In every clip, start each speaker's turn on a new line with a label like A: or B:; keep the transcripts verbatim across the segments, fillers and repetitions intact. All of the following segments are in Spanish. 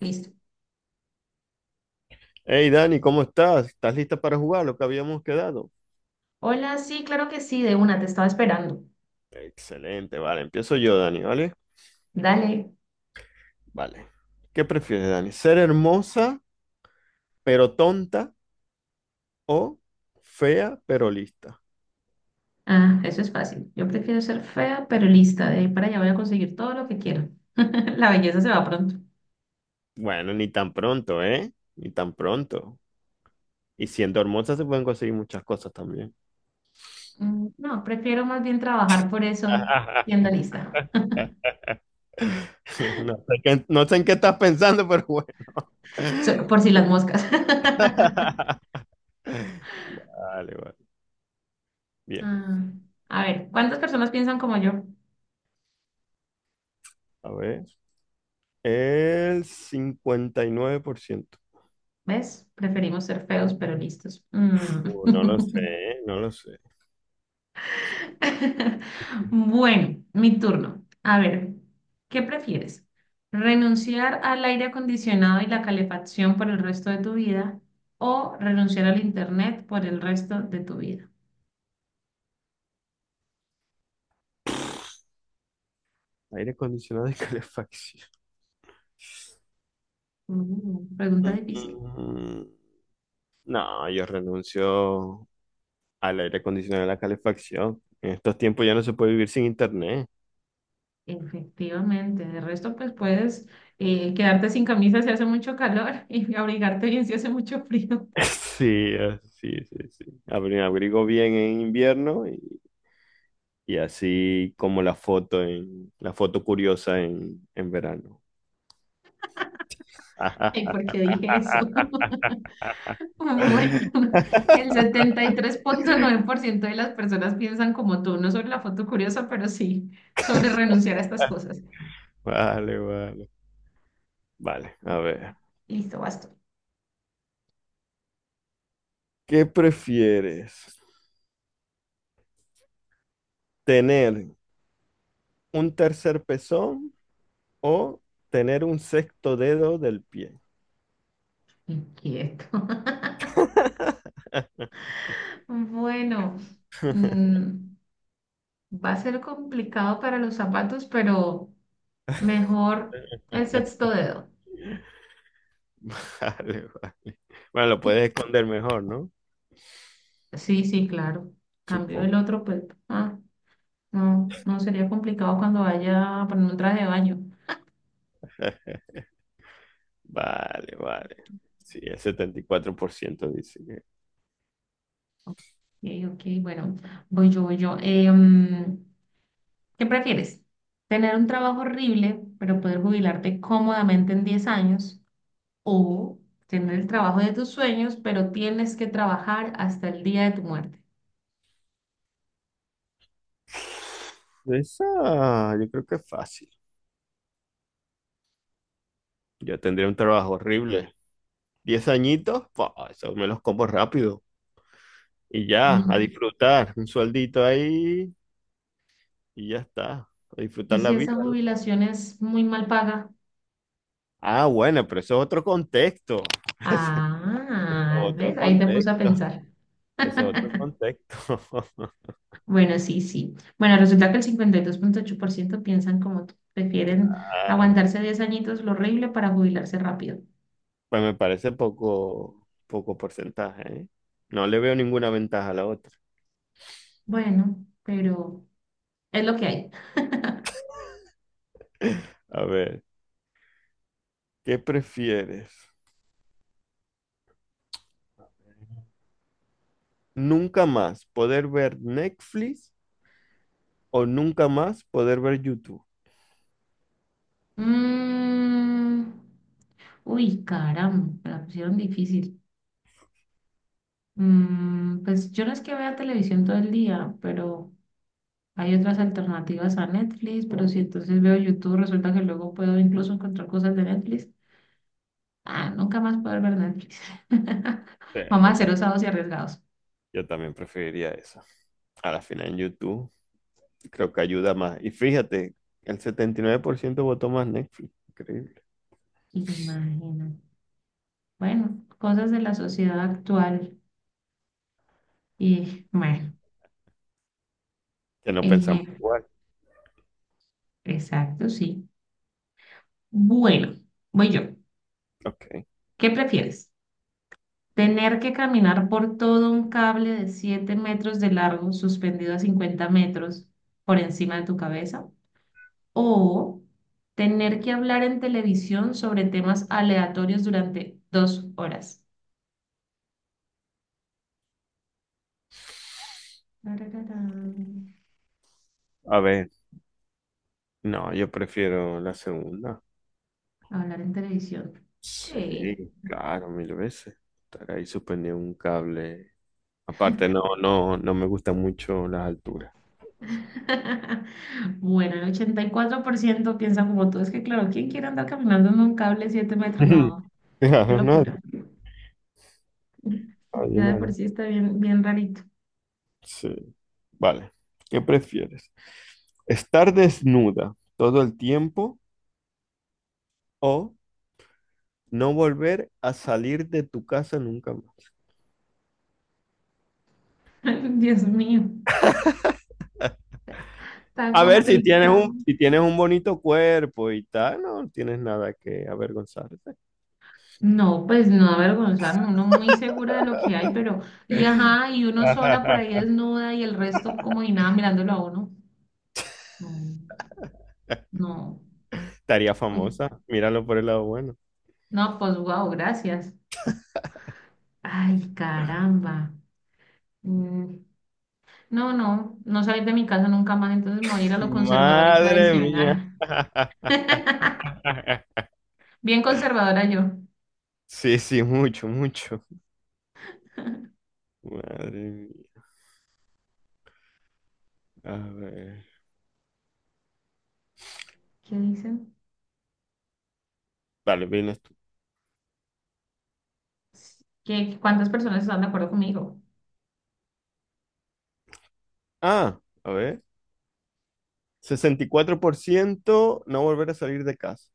A: Listo.
B: Hey Dani, ¿cómo estás? ¿Estás lista para jugar lo que habíamos quedado?
A: Hola, sí, claro que sí, de una, te estaba esperando.
B: Excelente, vale, empiezo yo, Dani, ¿vale?
A: Dale.
B: Vale. ¿Qué prefieres, Dani? ¿Ser hermosa pero tonta o fea pero lista?
A: Ah, eso es fácil. Yo prefiero ser fea, pero lista. De ahí para allá voy a conseguir todo lo que quiero. La belleza se va pronto.
B: Bueno, ni tan pronto, ¿eh? Ni tan pronto. Y siendo hermosa se pueden conseguir muchas cosas también.
A: Mm, No, prefiero más bien trabajar por eso, siendo lista.
B: No sé qué- no sé en qué estás pensando, pero bueno.
A: So- por si las moscas.
B: Vale, vale. Bien,
A: Ah, a ver, ¿cuántas personas piensan como yo?
B: a ver. El cincuenta y nueve por ciento.
A: ¿Ves? Preferimos ser feos, pero listos. Mm.
B: Uh, no lo sé, no lo sé.
A: Bueno, mi turno. A ver, ¿qué prefieres? ¿Renunciar al aire acondicionado y la calefacción por el resto de tu vida o renunciar al internet por el resto de tu vida?
B: Aire acondicionado y calefacción.
A: Mm, pregunta
B: Mm,
A: difícil.
B: mm, No, yo renuncio al aire acondicionado y la calefacción. En estos tiempos ya no se puede vivir sin internet.
A: Efectivamente, de resto pues puedes eh, quedarte sin camisa si hace mucho calor y abrigarte bien si hace mucho frío.
B: Sí, ah, sí, sí, sí. Abri- abrigo bien en invierno y, y así como la foto en la foto curiosa en, en verano.
A: Ay, ¿por qué dije eso? Bueno, el setenta y tres punto nueve por ciento de las personas piensan como tú, no sobre la foto curiosa, pero sí sobre renunciar a estas cosas.
B: Vale, vale. Vale, a ver.
A: Listo, basta.
B: ¿Qué prefieres? ¿Tener un tercer pezón o tener un sexto dedo del pie?
A: Inquieto. Bueno, mm, va a ser complicado para los zapatos, pero mejor el sexto dedo.
B: Vale, vale. Bueno, lo puedes esconder mejor, ¿no?
A: Sí, sí, claro. Cambio el
B: Supongo.
A: otro, pues, ah, no, no sería complicado cuando vaya a poner un traje de baño.
B: Vale, vale. Sí, el setenta y cuatro por ciento dice que...
A: Ok, ok, bueno, voy yo, voy yo. Em, ¿Qué prefieres? ¿Tener un trabajo horrible, pero poder jubilarte cómodamente en diez años? ¿O tener el trabajo de tus sueños, pero tienes que trabajar hasta el día de tu muerte?
B: Esa, yo creo que es fácil. Yo tendría un trabajo horrible. Diez añitos, pa, eso me los como rápido. Y ya, a
A: Y,
B: disfrutar. Un sueldito ahí y ya está. A
A: ¿Y
B: disfrutar la
A: si esa
B: vida, ¿no?
A: jubilación es muy mal paga?
B: Ah, bueno, pero eso es otro contexto. Eso es
A: Ah, ¿ves?
B: otro
A: Ahí te puse a
B: contexto.
A: pensar.
B: Eso es otro contexto.
A: Bueno, sí, sí. Bueno, resulta que el cincuenta y dos punto ocho por ciento piensan como tú. Prefieren
B: Ah,
A: aguantarse diez añitos lo horrible para jubilarse rápido.
B: pues me parece poco, poco porcentaje, ¿eh? No le veo ninguna ventaja a la otra.
A: Bueno, pero es lo que hay.
B: A ver, ¿qué prefieres? ¿Nunca más poder ver Netflix o nunca más poder ver YouTube?
A: Mm, uy, caramba, me la pusieron difícil. Mm, pues yo no es que vea televisión todo el día, pero hay otras alternativas a Netflix, pero si entonces veo YouTube, resulta que luego puedo incluso encontrar cosas de Netflix. Ah, nunca más poder ver Netflix.
B: Sí,
A: Vamos a
B: yo
A: ser
B: tam-
A: osados y arriesgados.
B: yo también preferiría eso. A la final en YouTube, creo que ayuda más. Y fíjate, el setenta y nueve por ciento votó más Netflix. Increíble.
A: Imagina. Bueno, cosas de la sociedad actual. Y bueno,
B: Que no
A: eh,
B: pensamos igual.
A: exacto, sí. Bueno, voy yo.
B: Ok.
A: ¿Qué prefieres? Tener que caminar por todo un cable de siete metros de largo suspendido a cincuenta metros por encima de tu cabeza. O tener que hablar en televisión sobre temas aleatorios durante dos horas. Tarararán.
B: A ver, no, yo prefiero la segunda.
A: Hablar en televisión. Sí.
B: Sí, claro, mil veces. Estar ahí suspendido en un cable. Aparte, no, no, no me gustan mucho las alturas.
A: Bueno, el ochenta y cuatro por ciento piensa como tú. Es que, claro, ¿quién quiere andar caminando en un cable de siete metros? No, qué
B: Claro, nadie,
A: locura.
B: nadie,
A: Ya de por
B: nadie.
A: sí está bien, bien rarito.
B: Sí. Vale. ¿Qué prefieres? ¿Estar desnuda todo el tiempo o no volver a salir de tu casa nunca?
A: Dios mío. Está
B: A ver, si tienes
A: complicado.
B: un, si tienes un, bonito cuerpo y tal, no tienes nada que avergonzarte.
A: No, pues no avergonzarnos, uno muy segura de lo que hay, pero, y ajá, y uno sola por ahí desnuda y el resto como y nada mirándolo a uno. No, no,
B: Estaría
A: uy,
B: famosa, míralo por el lado bueno.
A: no, pues wow, gracias. Ay, caramba. Mm, no, no, no salir de mi casa nunca más, entonces me voy a ir a lo conservador y
B: Madre mía.
A: tradicional. Bien conservadora yo.
B: Sí, sí, mucho, mucho. Madre mía. A ver.
A: ¿Qué dicen?
B: Vale, vienes tú.
A: ¿Qué, cuántas personas están de acuerdo conmigo?
B: Ah, a ver. Sesenta y cuatro por ciento no volver a salir de casa.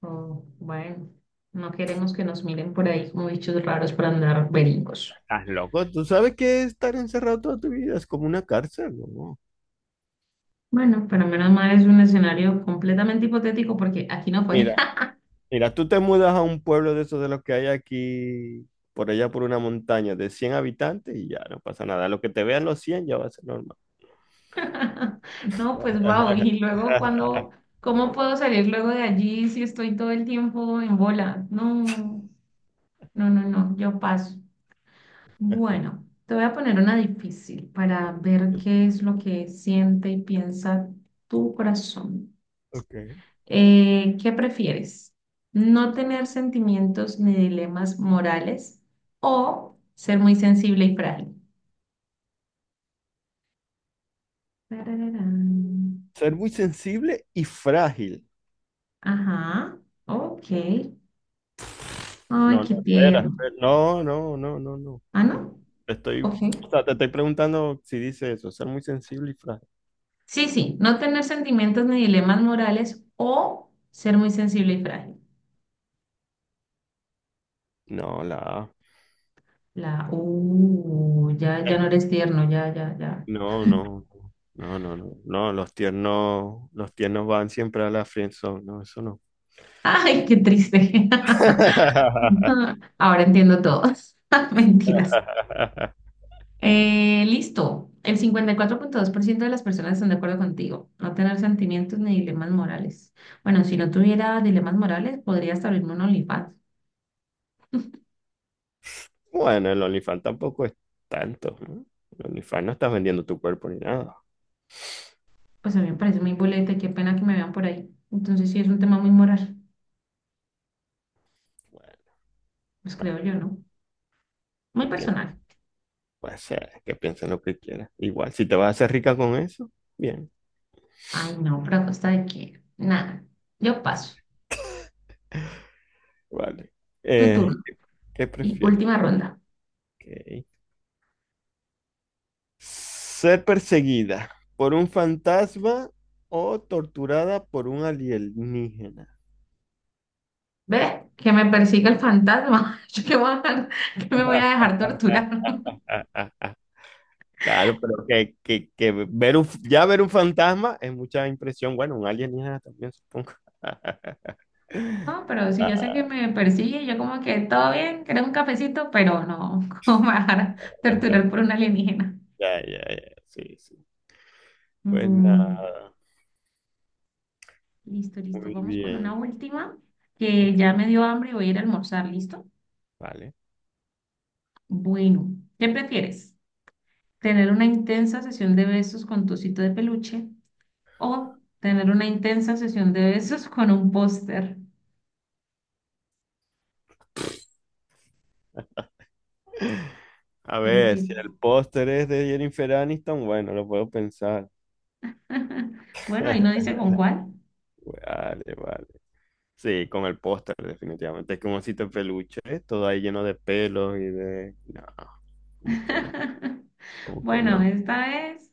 A: Oh, bueno, no queremos que nos miren por ahí como bichos raros para andar beringos.
B: ¿Estás loco? ¿Tú sabes que estar encerrado toda tu vida es como una cárcel, ¿no?
A: Bueno, pero menos mal es un escenario completamente hipotético porque aquí no fue.
B: Mira, Mira, tú te mudas a un pueblo de esos de los que hay aquí, por allá por una montaña de cien habitantes y ya no pasa nada. Lo que te vean los cien ya va a ser normal.
A: No, pues wow, y luego cuando, ¿cómo puedo salir luego de allí si estoy todo el tiempo en bola? No, no, no, no, yo paso. Bueno, te voy a poner una difícil para ver qué es lo que siente y piensa tu corazón.
B: Okay.
A: Eh, ¿qué prefieres? ¿No tener sentimientos ni dilemas morales o ser muy sensible y frágil? Tarararán.
B: Ser muy sensible y frágil.
A: Ajá, ok. Ay,
B: No, no,
A: qué
B: espera,
A: tierno.
B: espera. No, no, no, no, no.
A: Ah,
B: Te
A: ¿no?
B: te estoy,
A: Ok.
B: o sea, te estoy preguntando si dice eso, ser muy sensible y frágil.
A: Sí, sí, no tener sentimientos ni dilemas morales o ser muy sensible y frágil.
B: No, la A.
A: La, uh, ya, ya
B: Es
A: no
B: que-
A: eres tierno, ya, ya, ya.
B: No, no, no, no, no, no, los tiernos, los tiernos van siempre a la friendzone, no, eso no.
A: Ay, qué triste. Ahora entiendo todo. Mentiras. Eh, listo. El cincuenta y cuatro punto dos por ciento de las personas están de acuerdo contigo. No tener sentimientos ni dilemas morales. Bueno, si no tuviera dilemas morales, podría hasta abrirme un OnlyFans.
B: Bueno, el OnlyFans tampoco es tanto, ¿no? El OnlyFans no estás vendiendo tu cuerpo ni nada.
A: Pues a mí me parece muy boleta y qué pena que me vean por ahí. Entonces sí es un tema muy moral,
B: Bueno,
A: pues
B: bueno,
A: creo yo, ¿no? Muy
B: que piensen,
A: personal.
B: puede ser, que piensen lo que quieran. Igual, si te vas a hacer rica con eso, bien.
A: Ay, no, pero a costa de qué. Nada. Yo paso.
B: Vale.
A: Tu
B: Eh,
A: turno.
B: ¿qué, qué
A: Y
B: prefieres?
A: última ronda.
B: Ok. ¿Ser perseguida por un fantasma o torturada por un alienígena?
A: Ve, que me persiga el fantasma. Yo que voy a- que me voy a dejar torturar.
B: Claro, pero que, que, que ver un, ya ver un fantasma es mucha impresión. Bueno, un alienígena también, supongo.
A: No, pero si yo sé que
B: Ah,
A: me persigue, yo como que todo bien, ¿querés un cafecito? Pero no, ¿cómo me van a torturar por un alienígena?
B: Ya, ya, ya, sí, sí. Pues
A: Mm,
B: nada,
A: listo, listo.
B: muy
A: Vamos con una
B: bien.
A: última que
B: Ok,
A: ya me dio hambre y voy a ir a almorzar, ¿listo?
B: vale.
A: Bueno, ¿qué prefieres? ¿Tener una intensa sesión de besos con tu osito de peluche o tener una intensa sesión de besos con un póster?
B: A
A: ¿Qué
B: ver,
A: prefieres?
B: si el póster es de Jennifer Aniston, bueno, lo puedo pensar.
A: Bueno, ahí no dice con cuál.
B: Vale, vale. Sí, con el póster, definitivamente. Es como un osito de peluche, ¿eh? Todo ahí lleno de pelos y de... No, como que no, como que
A: Bueno,
B: no.
A: esta vez.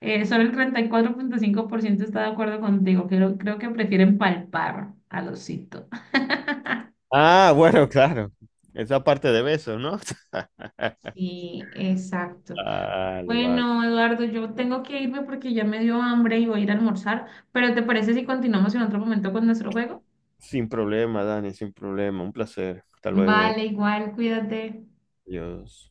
A: Eh, solo el treinta y cuatro punto cinco por ciento está de acuerdo contigo. Creo, creo que prefieren palpar al osito.
B: Ah, bueno, claro. Esa parte de besos, ¿no?
A: Sí, exacto.
B: Vale, vale.
A: Bueno, Eduardo, yo tengo que irme porque ya me dio hambre y voy a ir a almorzar, pero ¿te parece si continuamos en otro momento con nuestro juego?
B: Sin problema, Dani, sin problema. Un placer. Hasta luego.
A: Vale, igual, cuídate.
B: Adiós.